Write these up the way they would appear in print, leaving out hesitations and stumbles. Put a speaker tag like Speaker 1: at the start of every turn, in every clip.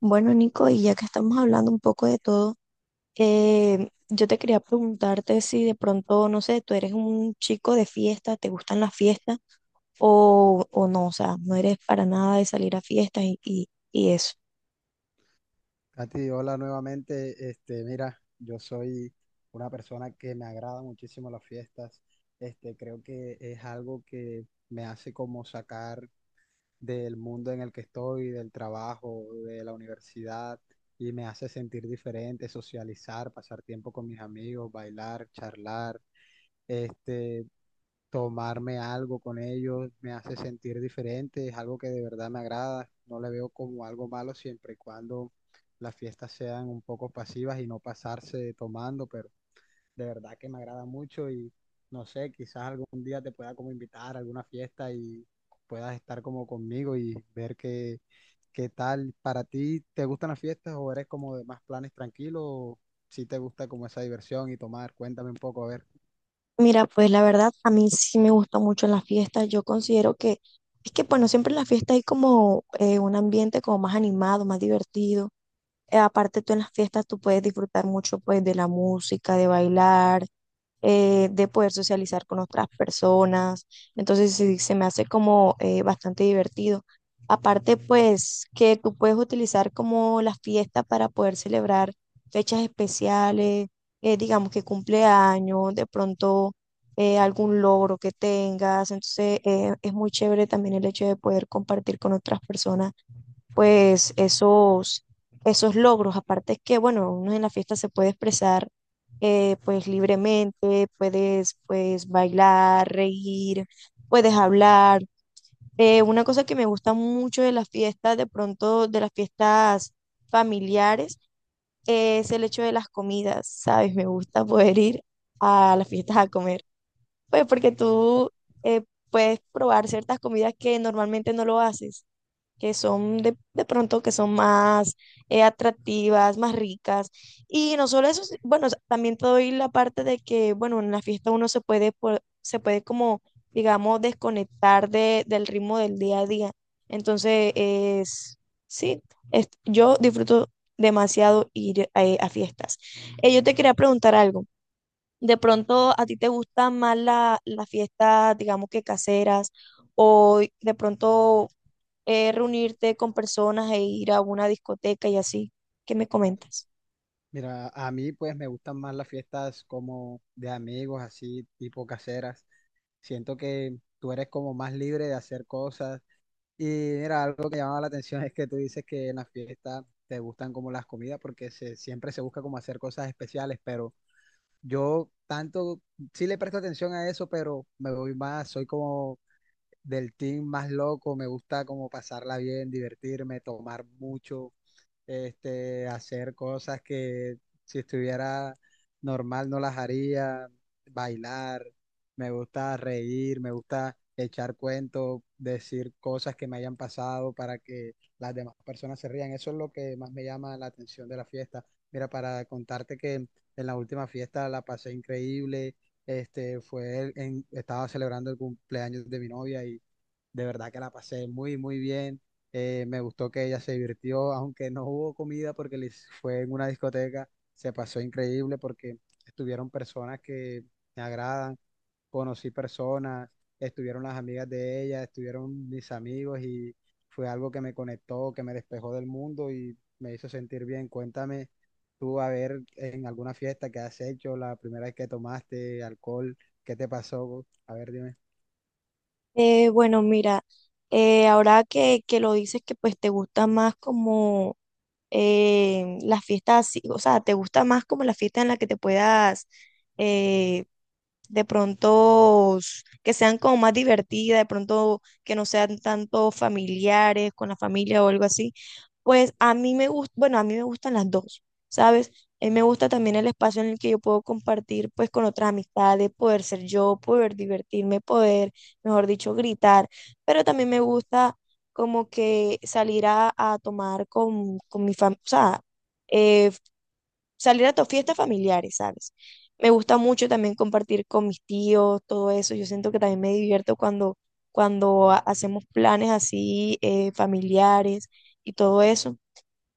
Speaker 1: Bueno, Nico, y ya que estamos hablando un poco de todo, yo te quería preguntarte si de pronto, no sé, tú eres un chico de fiesta, te gustan las fiestas o, no, o sea, no eres para nada de salir a fiestas y eso.
Speaker 2: Katy, hola nuevamente. Mira, yo soy una persona que me agrada muchísimo las fiestas. Creo que es algo que me hace como sacar del mundo en el que estoy, del trabajo, de la universidad, y me hace sentir diferente, socializar, pasar tiempo con mis amigos, bailar, charlar. Este, tomarme algo con ellos me hace sentir diferente, es algo que de verdad me agrada, no le veo como algo malo siempre y cuando las fiestas sean un poco pasivas y no pasarse tomando, pero de verdad que me agrada mucho y no sé, quizás algún día te pueda como invitar a alguna fiesta y puedas estar como conmigo y ver qué tal para ti. ¿Te gustan las fiestas o eres como de más planes tranquilos o si te gusta como esa diversión y tomar? Cuéntame un poco, a ver.
Speaker 1: Mira, pues la verdad, a mí sí me gusta mucho las fiestas, yo considero que, es que bueno, siempre en las fiestas hay como un ambiente como más animado, más divertido. Aparte tú en las fiestas tú puedes disfrutar mucho pues de la música, de bailar, de poder socializar con otras personas. Entonces sí, se me hace como bastante divertido. Aparte, pues que tú puedes utilizar como las fiestas para poder celebrar fechas especiales, digamos que cumpleaños, de pronto algún logro que tengas. Entonces es muy chévere también el hecho de poder compartir con otras personas pues esos logros. Aparte es que, bueno, uno en la fiesta se puede expresar, pues libremente, puedes pues bailar, reír, puedes hablar. Una cosa que me gusta mucho de las fiestas, de pronto de las fiestas familiares, es el hecho de las comidas, ¿sabes? Me gusta poder ir a las fiestas a comer, pues porque tú eh, puedes probar ciertas comidas que normalmente no lo haces, que son de pronto que son más, atractivas, más ricas. Y no solo eso, bueno, también te doy la parte de que, bueno, en la fiesta uno se puede, se puede como, digamos, desconectar del ritmo del día a día. Entonces, es, sí, yo disfruto demasiado ir, a fiestas. Yo te quería preguntar algo. ¿De pronto a ti te gustan más las fiestas, digamos que caseras, o de pronto reunirte con personas e ir a una discoteca y así? ¿Qué me comentas?
Speaker 2: Mira, a mí pues me gustan más las fiestas como de amigos, así tipo caseras. Siento que tú eres como más libre de hacer cosas. Y mira, algo que llamaba la atención es que tú dices que en las fiestas te gustan como las comidas porque siempre se busca como hacer cosas especiales, pero yo tanto sí le presto atención a eso, pero me voy más, soy como del team más loco, me gusta como pasarla bien, divertirme, tomar mucho, hacer cosas que si estuviera normal no las haría, bailar, me gusta reír, me gusta echar cuentos, decir cosas que me hayan pasado para que las demás personas se rían. Eso es lo que más me llama la atención de la fiesta. Mira, para contarte que en la última fiesta la pasé increíble. Estaba celebrando el cumpleaños de mi novia y de verdad que la pasé muy, muy bien. Me gustó que ella se divirtió, aunque no hubo comida porque les fue en una discoteca. Se pasó increíble porque estuvieron personas que me agradan, conocí personas, estuvieron las amigas de ella, estuvieron mis amigos y fue algo que me conectó, que me despejó del mundo y me hizo sentir bien. Cuéntame tú a ver en alguna fiesta que has hecho, la primera vez que tomaste alcohol, ¿qué te pasó? A ver, dime.
Speaker 1: Bueno, mira, ahora que lo dices que pues te gusta más como las fiestas así, o sea, te gusta más como la fiesta en la que te puedas, eh, de pronto que sean como más divertidas, de pronto que no sean tanto familiares con la familia o algo así, pues a mí me gusta, bueno, a mí me gustan las dos, ¿sabes? A mí me gusta también el espacio en el que yo puedo compartir pues con otras amistades, poder ser yo, poder divertirme, poder, mejor dicho, gritar, pero también me gusta como que salir a tomar con mi familia, o sea, eh, salir a tus fiestas familiares, ¿sabes? Me gusta mucho también compartir con mis tíos, todo eso. Yo siento que también me divierto cuando, cuando hacemos planes así, familiares y todo eso.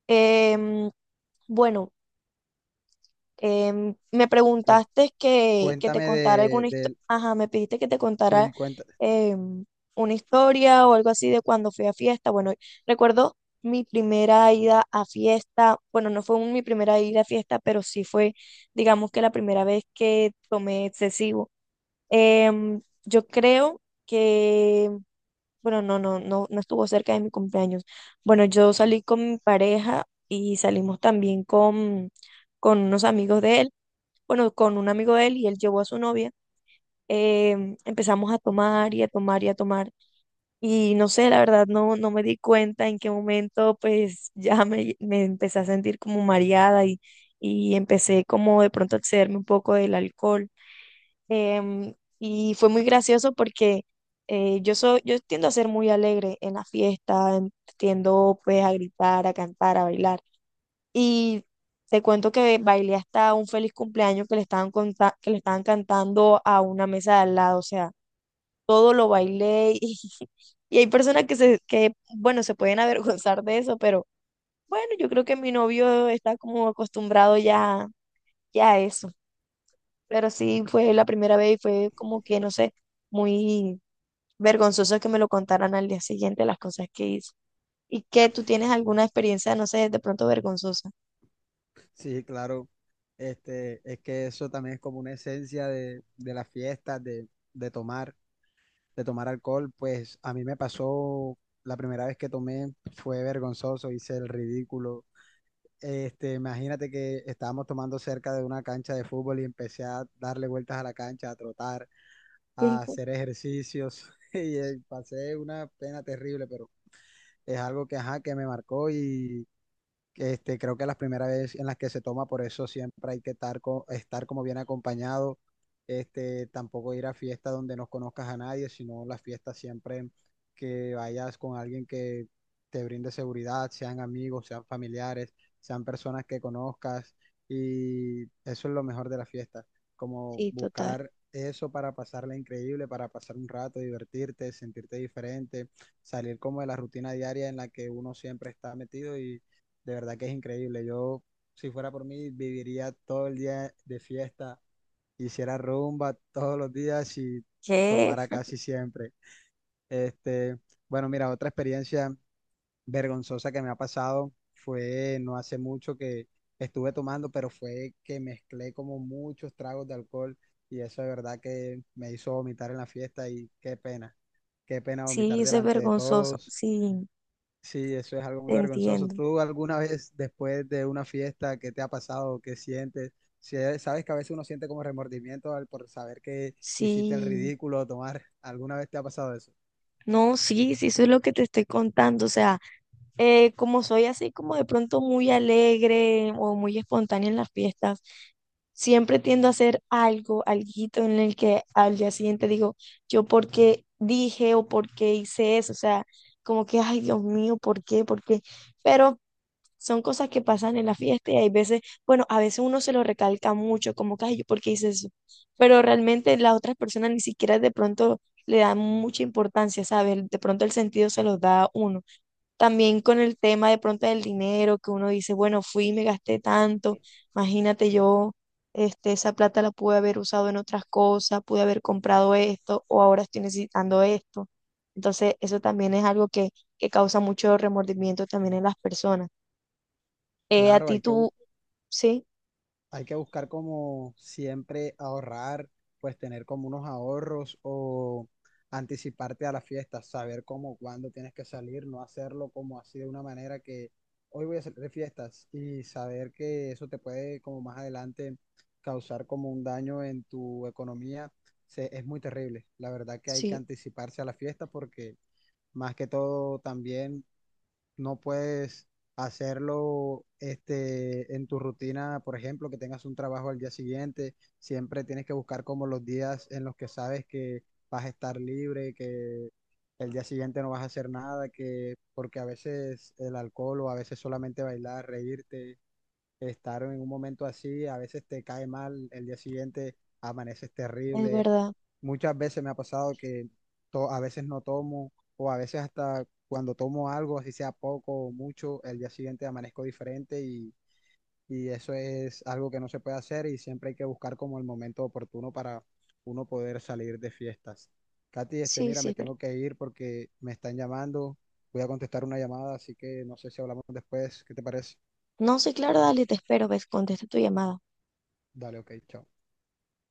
Speaker 1: Em, bueno, me
Speaker 2: Cuen-
Speaker 1: preguntaste que te
Speaker 2: Cuéntame
Speaker 1: contara alguna historia,
Speaker 2: de
Speaker 1: ajá, me pediste que te contara,
Speaker 2: Sí, cuenta,
Speaker 1: em, una historia o algo así de cuando fui a fiesta. Bueno, recuerdo mi primera ida a fiesta, bueno, no fue mi primera ida a fiesta, pero sí fue, digamos que la primera vez que tomé excesivo. Yo creo que, bueno, no estuvo cerca de mi cumpleaños. Bueno, yo salí con mi pareja y salimos también con unos amigos de él, bueno, con un amigo de él y él llevó a su novia. Em, empezamos a tomar y a tomar y a tomar. Y no sé, la verdad, no me di cuenta en qué momento, pues me empecé a sentir como mareada y empecé como de pronto a excederme un poco del alcohol. Em, y fue muy gracioso porque, yo tiendo a ser muy alegre en la fiesta, tiendo pues a gritar, a cantar, a bailar. Y te cuento que bailé hasta un feliz cumpleaños que le estaban, que le estaban cantando a una mesa de al lado. O sea, todo lo bailé. Y, y hay personas que, bueno, se pueden avergonzar de eso, pero bueno, yo creo que mi novio está como acostumbrado ya, ya a eso. Pero sí, fue la primera vez y fue como que, no sé, muy vergonzoso que me lo contaran al día siguiente las cosas que hice. ¿Y que tú tienes alguna experiencia, no sé, de pronto vergonzosa?
Speaker 2: sí, claro. Es que eso también es como una esencia de las fiestas, de tomar, de tomar alcohol. Pues a mí me pasó la primera vez que tomé, fue vergonzoso, hice el ridículo. Imagínate que estábamos tomando cerca de una cancha de fútbol y empecé a darle vueltas a la cancha, a trotar, a hacer ejercicios y pasé una pena terrible, pero es algo que, ajá, que me marcó. Creo que las primeras veces en las que se toma, por eso siempre hay que estar como bien acompañado. Tampoco ir a fiestas donde no conozcas a nadie, sino las fiestas siempre que vayas con alguien que te brinde seguridad, sean amigos, sean familiares, sean personas que conozcas. Y eso es lo mejor de la fiesta, como
Speaker 1: Sí, total.
Speaker 2: buscar eso para pasarla increíble, para pasar un rato, divertirte, sentirte diferente, salir como de la rutina diaria en la que uno siempre está metido y de verdad que es increíble. Yo, si fuera por mí, viviría todo el día de fiesta, hiciera rumba todos los días y
Speaker 1: ¿Qué?
Speaker 2: tomara casi siempre. Este, bueno, mira, otra experiencia vergonzosa que me ha pasado fue no hace mucho que estuve tomando, pero fue que mezclé como muchos tragos de alcohol y eso de verdad que me hizo vomitar en la fiesta y qué pena vomitar
Speaker 1: Sí, eso es
Speaker 2: delante de
Speaker 1: vergonzoso.
Speaker 2: todos.
Speaker 1: Sí,
Speaker 2: Sí, eso es algo muy
Speaker 1: te
Speaker 2: vergonzoso.
Speaker 1: entiendo.
Speaker 2: ¿Tú alguna vez después de una fiesta, qué te ha pasado? ¿Qué sientes? Sabes que a veces uno siente como remordimiento al por saber que hiciste el
Speaker 1: Sí,
Speaker 2: ridículo, tomar. ¿Alguna vez te ha pasado eso?
Speaker 1: no, sí, sí, eso es lo que te estoy contando. O sea, como soy así, como de pronto muy alegre o muy espontánea en las fiestas, siempre tiendo a hacer algo, alguito en el que al día siguiente digo, yo por qué dije o por qué hice eso. O sea, como que, ay, Dios mío, ¿por qué? ¿Por qué? Pero son cosas que pasan en la fiesta y hay veces, bueno, a veces uno se lo recalca mucho, como que, ay, ¿yo por qué hice eso? Pero realmente las otras personas ni siquiera de pronto le dan mucha importancia, ¿sabes? De pronto el sentido se los da a uno. También con el tema de pronto del dinero, que uno dice, bueno, fui y me gasté tanto, imagínate yo. Este, esa plata la pude haber usado en otras cosas, pude haber comprado esto o ahora estoy necesitando esto. Entonces, eso también es algo que causa mucho remordimiento también en las personas. A
Speaker 2: Claro,
Speaker 1: ti
Speaker 2: hay que,
Speaker 1: tú, sí,
Speaker 2: Hay que buscar como siempre ahorrar, pues tener como unos ahorros o anticiparte a las fiestas saber cómo, cuándo tienes que salir, no hacerlo como así de una manera que hoy voy a salir de fiestas y saber que eso te puede como más adelante causar como un daño en tu economía, es muy terrible. La verdad que hay que
Speaker 1: sí,
Speaker 2: anticiparse a la fiesta porque más que todo también no puedes hacerlo en tu rutina, por ejemplo, que tengas un trabajo al día siguiente, siempre tienes que buscar como los días en los que sabes que vas a estar libre, que el día siguiente no vas a hacer nada, que porque a veces el alcohol o a veces solamente bailar, reírte, estar en un momento así, a veces te cae mal, el día siguiente amaneces
Speaker 1: es
Speaker 2: terrible.
Speaker 1: verdad.
Speaker 2: Muchas veces me ha pasado que a veces no tomo o a veces hasta cuando tomo algo, así sea poco o mucho, el día siguiente amanezco diferente y eso es algo que no se puede hacer y siempre hay que buscar como el momento oportuno para uno poder salir de fiestas. Katy,
Speaker 1: Sí,
Speaker 2: mira,
Speaker 1: sí,
Speaker 2: me
Speaker 1: es verdad.
Speaker 2: tengo que ir porque me están llamando, voy a contestar una llamada, así que no sé si hablamos después, ¿qué te parece?
Speaker 1: No, sí, claro, dale, te espero, ves, contesta tu llamada.
Speaker 2: Dale, ok, chao.